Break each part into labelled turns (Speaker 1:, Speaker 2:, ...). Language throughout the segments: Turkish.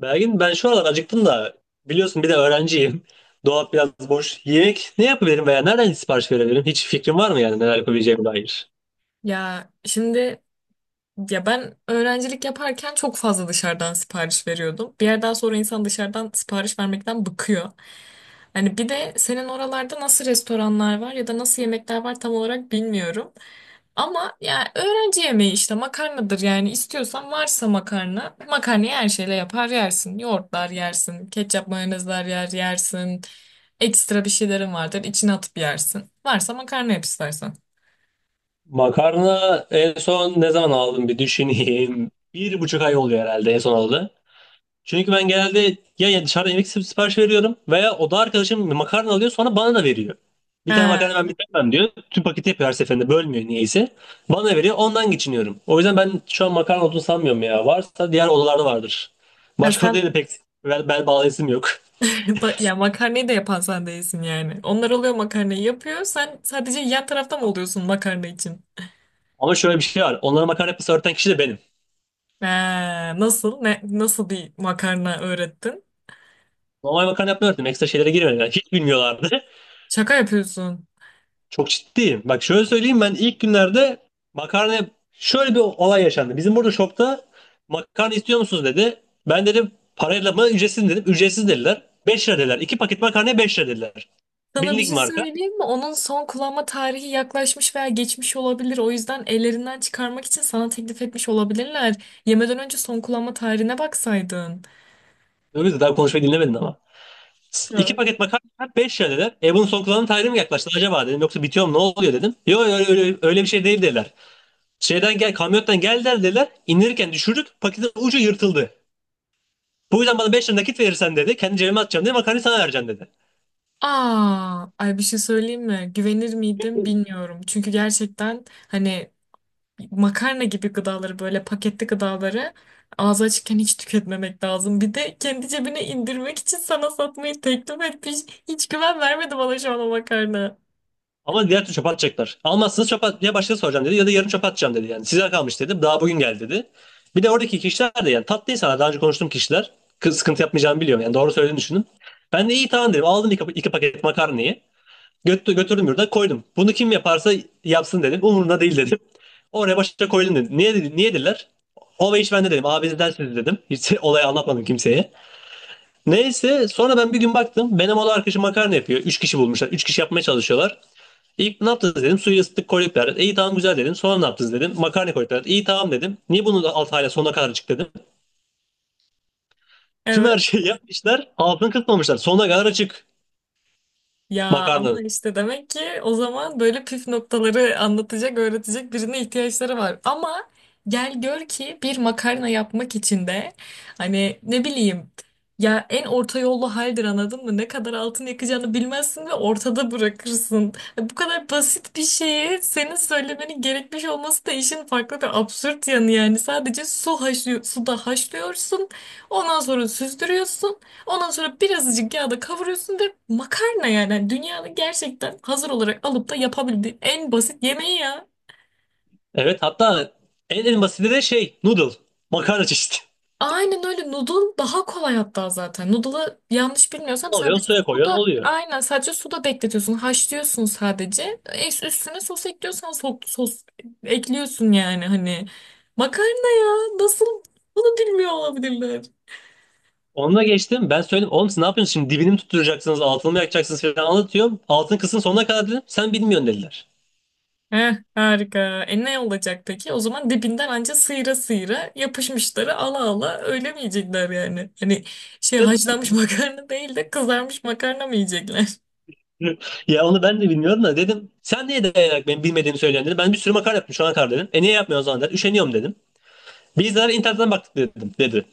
Speaker 1: Belgin ben şu aralar acıktım da biliyorsun bir de öğrenciyim. Dolap biraz boş. Yemek ne yapabilirim veya nereden sipariş verebilirim? Hiç fikrin var mı yani neler yapabileceğime dair?
Speaker 2: Ya şimdi ya ben öğrencilik yaparken çok fazla dışarıdan sipariş veriyordum. Bir yerden sonra insan dışarıdan sipariş vermekten bıkıyor. Hani bir de senin oralarda nasıl restoranlar var ya da nasıl yemekler var tam olarak bilmiyorum. Ama ya öğrenci yemeği işte makarnadır yani istiyorsan varsa makarna, makarnayı her şeyle yapar yersin. Yoğurtlar yersin, ketçap mayonezler yer yersin. Ekstra bir şeylerin vardır içine atıp yersin. Varsa makarna yap istersen.
Speaker 1: Makarna en son ne zaman aldım bir düşüneyim. Bir buçuk ay oluyor herhalde en son aldı. Çünkü ben genelde ya dışarıda yemek sipariş veriyorum veya oda arkadaşım makarna alıyor sonra bana da veriyor. Bir tane makarna
Speaker 2: Ha.
Speaker 1: ben bitiremem diyor. Tüm paketi yapıyor her seferinde bölmüyor niyeyse. Bana veriyor ondan geçiniyorum. O yüzden ben şu an makarna olduğunu sanmıyorum ya. Varsa diğer odalarda vardır.
Speaker 2: Ha,
Speaker 1: Başka odaya
Speaker 2: sen.
Speaker 1: da pek bel bağlayasım yok.
Speaker 2: Ya makarnayı da yapan sen değilsin yani. Onlar oluyor makarnayı yapıyor. Sen sadece yan tarafta mı oluyorsun makarna için?
Speaker 1: Ama şöyle bir şey var. Onlara makarna yapması öğreten kişi de benim.
Speaker 2: Ha, nasıl? Nasıl bir makarna öğrettin?
Speaker 1: Normal makarna yapmayı öğrettim. Ekstra şeylere girmedim. Yani hiç bilmiyorlardı.
Speaker 2: Şaka yapıyorsun.
Speaker 1: Çok ciddiyim. Bak şöyle söyleyeyim, ben ilk günlerde makarna şöyle bir olay yaşandı. Bizim burada shopta makarna istiyor musunuz dedi. Ben dedim parayla mı ücretsiz mi dedim. Ücretsiz dediler. 5 lira dediler. 2 paket makarnaya 5 lira dediler.
Speaker 2: Sana bir
Speaker 1: Bilindik
Speaker 2: şey
Speaker 1: marka.
Speaker 2: söyleyeyim mi? Onun son kullanma tarihi yaklaşmış veya geçmiş olabilir. O yüzden ellerinden çıkarmak için sana teklif etmiş olabilirler. Yemeden önce son kullanma tarihine baksaydın.
Speaker 1: Öyle de daha konuşmayı dinlemedin ama. 2
Speaker 2: Ha.
Speaker 1: paket makarna 5 lira dediler. E bunun son kullanım tarihi mi yaklaştı acaba dedim. Yoksa bitiyor mu ne oluyor dedim. Yok öyle bir şey değil dediler. Şeyden gel kamyondan geldiler dediler. İndirirken düşürdük paketin ucu yırtıldı. Bu yüzden bana 5 lira nakit verirsen dedi. Kendi cebime atacağım dedi. Makarnayı sana vereceğim dedi.
Speaker 2: Aa, ay bir şey söyleyeyim mi? Güvenir miydim bilmiyorum. Çünkü gerçekten hani makarna gibi gıdaları böyle paketli gıdaları ağzı açıkken hiç tüketmemek lazım. Bir de kendi cebine indirmek için sana satmayı teklif etmiş. Hiç güven vermedi bana şu an o makarna.
Speaker 1: Ama diğer türlü çöpe atacaklar. Almazsınız çöpe at ya başkası soracağım dedi ya da yarın çöpe atacağım dedi yani. Size kalmış dedim. Daha bugün geldi dedi. Bir de oradaki kişiler de yani tatlı insanlar. Daha önce konuştuğum kişiler. Kız sıkıntı yapmayacağımı biliyorum yani. Doğru söylediğini düşündüm. Ben de iyi tamam dedim. Aldım iki paket makarnayı. Götürdüm yurda koydum. Bunu kim yaparsa yapsın dedim. Umurumda değil dedim. Oraya başa koydum dedim. Niye dediler? O ve iş bende dedim. Abinizden siz dedim. Hiç olayı anlatmadım kimseye. Neyse sonra ben bir gün baktım. Benim oğlu arkadaşım makarna yapıyor. Üç kişi bulmuşlar. Üç kişi yapmaya çalışıyorlar. İlk ne yaptınız dedim. Suyu ısıttık koyduk derdi. İyi tamam güzel dedim. Sonra ne yaptınız dedim. Makarna koyduk derdi. İyi tamam dedim. Niye bunu alt hala sonuna kadar açık dedim. Tüm
Speaker 2: Evet.
Speaker 1: her şeyi yapmışlar. Altını kısmamışlar. Sonuna kadar açık
Speaker 2: Ya ama
Speaker 1: makarnanın.
Speaker 2: işte demek ki o zaman böyle püf noktaları anlatacak, öğretecek birine ihtiyaçları var. Ama gel gör ki bir makarna yapmak için de hani ne bileyim, ya en orta yollu haldir, anladın mı? Ne kadar altın yakacağını bilmezsin ve ortada bırakırsın. Bu kadar basit bir şeyi senin söylemenin gerekmiş olması da işin farklı ve absürt yanı yani. Sadece su haşlıyor, suda haşlıyorsun. Ondan sonra süzdürüyorsun. Ondan sonra birazcık yağda kavuruyorsun ve makarna yani. Yani dünyanın gerçekten hazır olarak alıp da yapabildiğin en basit yemeği ya.
Speaker 1: Evet, hatta en basiti de şey noodle. Makarna çeşidi.
Speaker 2: Aynen öyle, noodle daha kolay hatta zaten. Noodle'ı yanlış bilmiyorsam sadece
Speaker 1: Alıyorsun suya koyuyorsun
Speaker 2: suda,
Speaker 1: oluyor.
Speaker 2: aynen sadece suda bekletiyorsun. Haşlıyorsun sadece. Üstüne sos ekliyorsan sos ekliyorsun yani hani. Makarna ya nasıl bunu bilmiyor olabilirler.
Speaker 1: Onunla geçtim. Ben söyledim. Oğlum siz ne yapıyorsunuz şimdi? Dibini mi tutturacaksınız? Altını mı yakacaksınız falan anlatıyorum. Altını kısın sonuna kadar dedim. Sen bilmiyorsun dediler.
Speaker 2: Heh, harika. E ne olacak peki? O zaman dibinden anca sıyıra sıyıra yapışmışları ala ala öyle mi yiyecekler yani? Hani şey, haşlanmış makarna değil de kızarmış makarna mı yiyecekler?
Speaker 1: Ya onu ben de bilmiyorum da dedim. Sen niye dayanarak benim bilmediğimi söylüyorsun dedim. Ben bir sürü makale yaptım şu ana kadar dedim. E niye yapmıyorsun o zaman dedi. Üşeniyorum dedim. Bizler internetten baktık dedim dedi.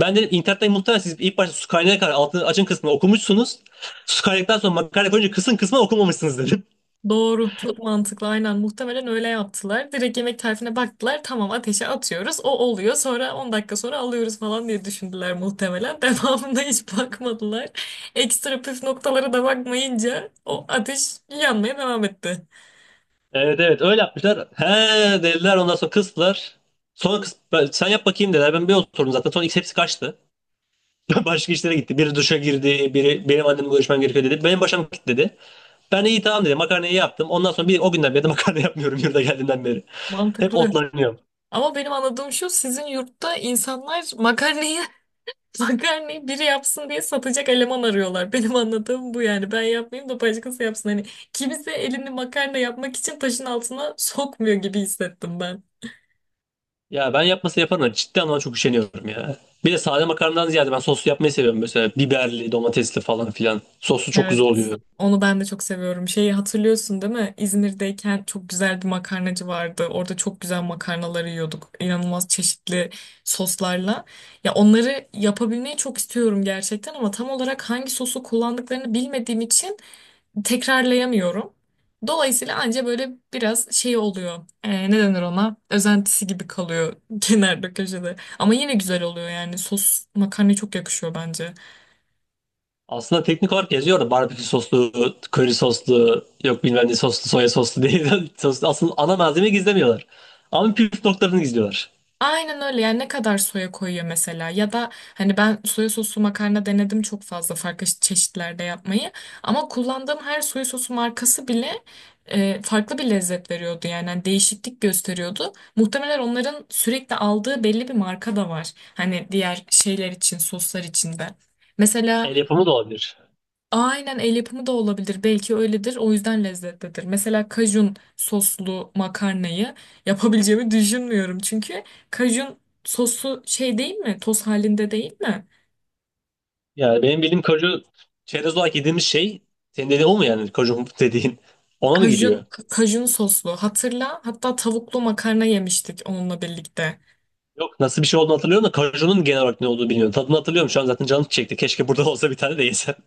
Speaker 1: Ben dedim internetten muhtemelen siz ilk başta su kaynağına kadar altını açın kısmını okumuşsunuz. Su kaynadıktan sonra makale koyunca kısın kısmını okumamışsınız dedim.
Speaker 2: Doğru, çok mantıklı. Aynen muhtemelen öyle yaptılar. Direkt yemek tarifine baktılar. Tamam, ateşe atıyoruz. O oluyor. Sonra 10 dakika sonra alıyoruz falan diye düşündüler muhtemelen. Devamında hiç bakmadılar. Ekstra püf noktalara da bakmayınca o ateş yanmaya devam etti.
Speaker 1: Evet, evet, öyle yapmışlar. He dediler ondan sonra kıstılar. Sonra sen yap bakayım dediler. Ben bir oturdum zaten. Sonra hepsi kaçtı. Başka işlere gitti. Biri duşa girdi. Biri benim annemle görüşmem gerekiyor dedi. Benim başım gitti dedi. Ben iyi tamam dedim. Makarnayı yaptım. Ondan sonra bir o günden beri de makarna yapmıyorum yurda geldiğimden beri. Hep
Speaker 2: Mantıklı.
Speaker 1: otlanıyorum.
Speaker 2: Ama benim anladığım şu: sizin yurtta insanlar makarnayı makarnayı biri yapsın diye satacak eleman arıyorlar. Benim anladığım bu yani. Ben yapmayayım da başkası yapsın. Hani kimse elini makarna yapmak için taşın altına sokmuyor gibi hissettim ben.
Speaker 1: Ya ben yapması yaparım da ciddi anlamda çok üşeniyorum ya. Bir de sade makarnadan ziyade ben soslu yapmayı seviyorum. Mesela biberli, domatesli falan filan. Soslu çok güzel
Speaker 2: Evet.
Speaker 1: oluyor.
Speaker 2: Onu ben de çok seviyorum. Şeyi hatırlıyorsun değil mi? İzmir'deyken çok güzel bir makarnacı vardı. Orada çok güzel makarnaları yiyorduk. İnanılmaz çeşitli soslarla. Ya onları yapabilmeyi çok istiyorum gerçekten ama tam olarak hangi sosu kullandıklarını bilmediğim için tekrarlayamıyorum. Dolayısıyla anca böyle biraz şey oluyor. Ne denir ona? Özentisi gibi kalıyor kenarda köşede. Ama yine güzel oluyor yani. Sos makarnaya çok yakışıyor bence.
Speaker 1: Aslında teknik olarak yazıyor da barbekü soslu, köri soslu, yok bilmem ne soslu, soya soslu diye. Soslu. Aslında ana malzemeyi gizlemiyorlar. Ama püf noktalarını gizliyorlar.
Speaker 2: Aynen öyle yani, ne kadar soya koyuyor mesela ya da hani ben soya soslu makarna denedim çok fazla farklı çeşitlerde yapmayı ama kullandığım her soya sosu markası bile farklı bir lezzet veriyordu yani. Hani değişiklik gösteriyordu. Muhtemelen onların sürekli aldığı belli bir marka da var hani diğer şeyler için, soslar için de. Mesela
Speaker 1: El yapımı da olabilir.
Speaker 2: aynen el yapımı da olabilir. Belki öyledir. O yüzden lezzetlidir. Mesela kajun soslu makarnayı yapabileceğimi düşünmüyorum. Çünkü kajun sosu şey değil mi? Toz halinde değil mi?
Speaker 1: Yani benim bildiğim kaju çerez olarak yediğimiz şey, senin dediğin o mu, yani kaju dediğin ona mı giriyor?
Speaker 2: Kajun, kajun soslu. Hatırla. Hatta tavuklu makarna yemiştik onunla birlikte.
Speaker 1: Yok, nasıl bir şey olduğunu hatırlıyorum da kajunun genel olarak ne olduğunu bilmiyorum. Tadını hatırlıyorum şu an zaten canım çekti. Keşke burada olsa bir tane de yesem.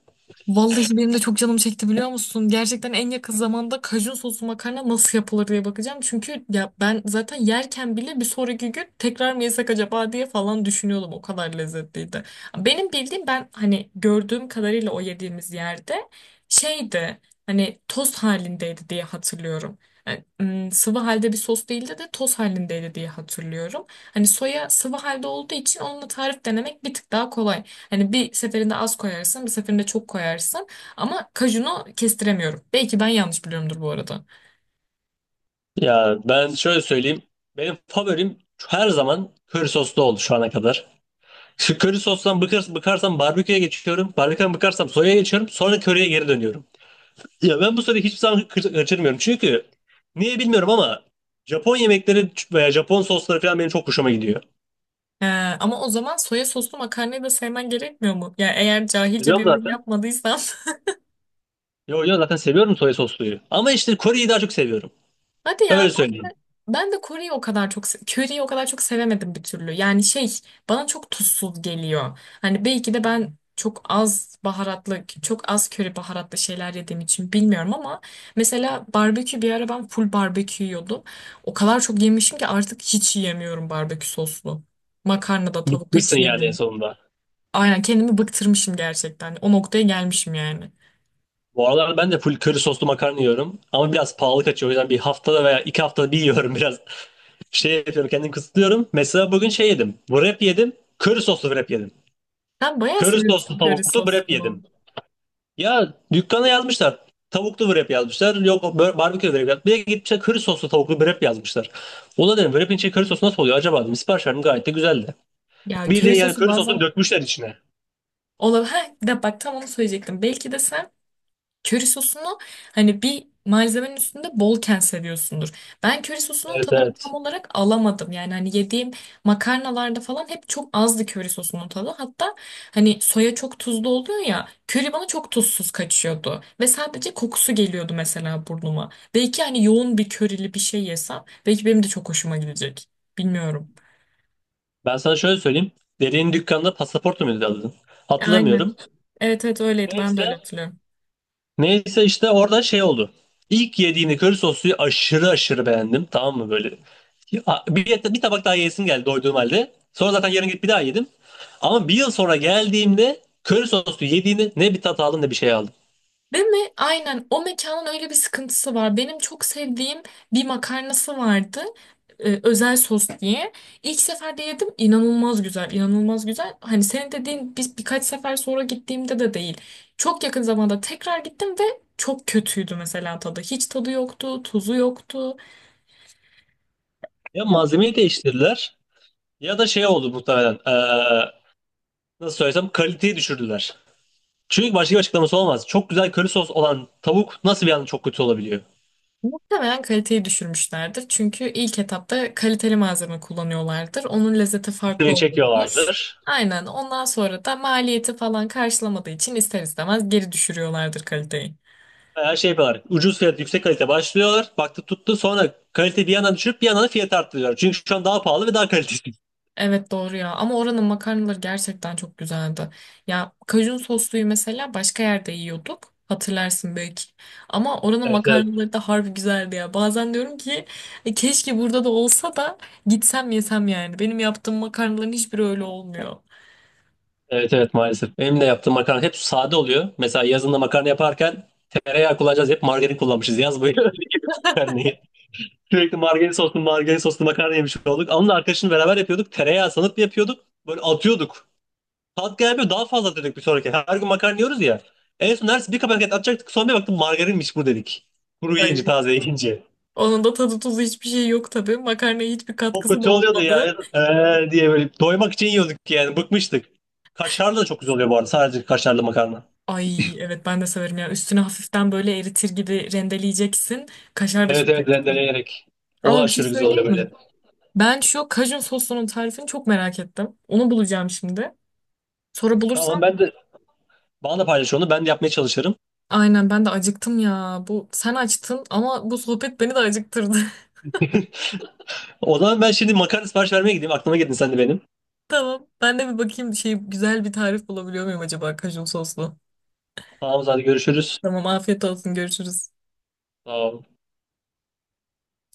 Speaker 2: Vallahi benim de çok canım çekti, biliyor musun? Gerçekten en yakın zamanda kajun soslu makarna nasıl yapılır diye bakacağım. Çünkü ya ben zaten yerken bile bir sonraki gün tekrar mı yesek acaba diye falan düşünüyordum. O kadar lezzetliydi. Benim bildiğim, ben hani gördüğüm kadarıyla o yediğimiz yerde şeydi, hani toz halindeydi diye hatırlıyorum. Yani, sıvı halde bir sos değildi de toz halindeydi diye hatırlıyorum. Hani soya sıvı halde olduğu için onunla tarif denemek bir tık daha kolay. Hani bir seferinde az koyarsın, bir seferinde çok koyarsın. Ama kajunu kestiremiyorum. Belki ben yanlış biliyorumdur bu arada.
Speaker 1: Ya ben şöyle söyleyeyim. Benim favorim her zaman köri soslu oldu şu ana kadar. Şu köri sostan bıkarsam barbeküye geçiyorum. Barbeküden bıkarsam soya'ya geçiyorum. Sonra köriye geri dönüyorum. Ya ben bu soruyu hiçbir zaman kaçırmıyorum. Çünkü niye bilmiyorum ama Japon yemekleri veya Japon sosları falan benim çok hoşuma gidiyor.
Speaker 2: Ee, ama o zaman soya soslu makarnayı da sevmen gerekmiyor mu? Ya eğer cahilce
Speaker 1: Biliyorum
Speaker 2: bir yorum
Speaker 1: zaten.
Speaker 2: yapmadıysam.
Speaker 1: Yo yo, zaten seviyorum soya sosluyu. Ama işte Kore'yi daha çok seviyorum.
Speaker 2: Hadi ya.
Speaker 1: Öyle söyleyeyim.
Speaker 2: Ben de Kore'yi o kadar çok Curry'yi o kadar çok sevemedim bir türlü. Yani şey, bana çok tuzsuz geliyor. Hani belki de ben çok az baharatlı, çok az köri baharatlı şeyler yediğim için bilmiyorum ama mesela barbekü, bir ara ben full barbekü yiyordum. O kadar çok yemişim ki artık hiç yiyemiyorum barbekü soslu. Makarna da tavuk da
Speaker 1: Bıkmışsın
Speaker 2: hiç
Speaker 1: yani en
Speaker 2: yiyemiyorum.
Speaker 1: sonunda.
Speaker 2: Aynen kendimi bıktırmışım gerçekten. O noktaya gelmişim yani.
Speaker 1: Bu aralar ben de full köri soslu makarna yiyorum. Ama biraz pahalı kaçıyor. O yüzden bir haftada veya iki haftada bir yiyorum biraz. Şey yapıyorum kendimi kısıtlıyorum. Mesela bugün şey yedim. Wrap yedim. Köri soslu wrap yedim.
Speaker 2: Ben bayağı
Speaker 1: Köri
Speaker 2: seviyorum
Speaker 1: soslu
Speaker 2: köri
Speaker 1: tavuklu wrap
Speaker 2: sosunu.
Speaker 1: yedim. Ya dükkana yazmışlar. Tavuklu wrap yazmışlar. Yok barbekü wrap yazmışlar. Bir de gitmişler köri soslu tavuklu wrap yazmışlar. Ona dedim wrap'in içi köri sosu nasıl oluyor acaba dedim. Sipariş verdim gayet de güzeldi.
Speaker 2: Ya köri
Speaker 1: Bildiğin yani
Speaker 2: sosu
Speaker 1: köri sosunu
Speaker 2: bazen
Speaker 1: dökmüşler içine.
Speaker 2: olabilir. Ha, de bak tam onu söyleyecektim. Belki de sen köri sosunu hani bir malzemenin üstünde bolken seviyorsundur. Ben köri sosunun
Speaker 1: Evet,
Speaker 2: tadını tam
Speaker 1: evet.
Speaker 2: olarak alamadım. Yani hani yediğim makarnalarda falan hep çok azdı köri sosunun tadı. Hatta hani soya çok tuzlu oluyor ya. Köri bana çok tuzsuz kaçıyordu. Ve sadece kokusu geliyordu mesela burnuma. Belki hani yoğun bir körili bir şey yesem belki benim de çok hoşuma gidecek. Bilmiyorum.
Speaker 1: Ben sana şöyle söyleyeyim. Dediğin dükkanda pasaportu muydu adın?
Speaker 2: Aynen.
Speaker 1: Hatırlamıyorum.
Speaker 2: Evet, evet öyleydi. Ben de
Speaker 1: Neyse,
Speaker 2: öyle hatırlıyorum.
Speaker 1: İşte orada şey oldu. İlk yediğini köri sosluyu aşırı aşırı beğendim. Tamam mı böyle? Ya, bir tabak daha yesim geldi doyduğum halde. Sonra zaten yarın gidip bir daha yedim. Ama bir yıl sonra geldiğimde köri soslu yediğini ne bir tat aldım ne bir şey aldım.
Speaker 2: Değil mi? Aynen. O mekanın öyle bir sıkıntısı var. Benim çok sevdiğim bir makarnası vardı. Özel sos diye. İlk seferde yedim. İnanılmaz güzel. İnanılmaz güzel. Hani senin dediğin, biz birkaç sefer sonra gittiğimde de değil. Çok yakın zamanda tekrar gittim ve çok kötüydü mesela tadı. Hiç tadı yoktu. Tuzu yoktu.
Speaker 1: Ya malzemeyi değiştirdiler ya da şey oldu muhtemelen. Nasıl söylesem kaliteyi düşürdüler. Çünkü başka bir açıklaması olmaz. Çok güzel köri sos olan tavuk nasıl bir anda çok kötü olabiliyor?
Speaker 2: Muhtemelen kaliteyi düşürmüşlerdir. Çünkü ilk etapta kaliteli malzeme kullanıyorlardır. Onun lezzeti
Speaker 1: Bir
Speaker 2: farklı
Speaker 1: şey
Speaker 2: oluyordur.
Speaker 1: çekiyorlardır.
Speaker 2: Aynen. Ondan sonra da maliyeti falan karşılamadığı için ister istemez geri düşürüyorlardır kaliteyi.
Speaker 1: Her şey yapıyorlar. Ucuz fiyat, yüksek kalite başlıyorlar. Baktı tuttu sonra kalite bir yandan düşürüp bir yandan fiyat arttırıyorlar. Çünkü şu an daha pahalı ve daha kalitesiz.
Speaker 2: Evet doğru ya. Ama oranın makarnaları gerçekten çok güzeldi. Ya kajun sosluyu mesela başka yerde yiyorduk. Hatırlarsın belki. Ama oranın
Speaker 1: Evet, evet.
Speaker 2: makarnaları da harbi güzeldi ya. Bazen diyorum ki "E, keşke burada da olsa da gitsem yesem" yani. Benim yaptığım makarnaların hiçbiri öyle olmuyor.
Speaker 1: Evet, evet, maalesef. Benim de yaptığım makarna hep sade oluyor. Mesela yazında makarna yaparken tereyağı kullanacağız. Hep margarin kullanmışız yaz boyu. Öyle gibi makarnayı. Sürekli margarin soslu makarna yemiş olduk. Onunla arkadaşımla beraber yapıyorduk. Tereyağı sanıp yapıyorduk. Böyle atıyorduk. Tat gelmiyor daha fazla atıyorduk bir sonraki. Her gün makarna yiyoruz ya. En son neredeyse bir kapaket atacaktık. Son bir baktım margarinmiş bu dedik. Kuru yiyince
Speaker 2: Ay,
Speaker 1: taze yiyince.
Speaker 2: onun da tadı tuzu hiçbir şey yok tabii. Makarnaya hiçbir
Speaker 1: Çok
Speaker 2: katkısı da
Speaker 1: kötü oluyordu ya.
Speaker 2: olmadı.
Speaker 1: Diye böyle doymak için yiyorduk yani bıkmıştık. Kaşarlı da çok güzel oluyor bu arada sadece kaşarlı makarna.
Speaker 2: Ay evet, ben de severim ya. Üstüne hafiften böyle eritir gibi rendeleyeceksin. Kaşar da
Speaker 1: Evet,
Speaker 2: çok
Speaker 1: evet,
Speaker 2: yakışıyor.
Speaker 1: rendeleyerek. O da
Speaker 2: Ama bir şey
Speaker 1: aşırı güzel
Speaker 2: söyleyeyim
Speaker 1: oluyor
Speaker 2: mi?
Speaker 1: böyle.
Speaker 2: Ben şu kajun sosunun tarifini çok merak ettim. Onu bulacağım şimdi. Sonra
Speaker 1: Tamam,
Speaker 2: bulursam
Speaker 1: ben de bana da paylaş onu ben de yapmaya çalışırım.
Speaker 2: aynen, ben de acıktım ya. Bu sen açtın ama bu sohbet beni de acıktırdı.
Speaker 1: O zaman ben şimdi makarna sipariş vermeye gideyim aklıma geldin sen de benim.
Speaker 2: Tamam. Ben de bir bakayım, şey, güzel bir tarif bulabiliyor muyum acaba kajun soslu?
Speaker 1: Tamam hadi görüşürüz.
Speaker 2: Tamam afiyet olsun, görüşürüz.
Speaker 1: Tamam.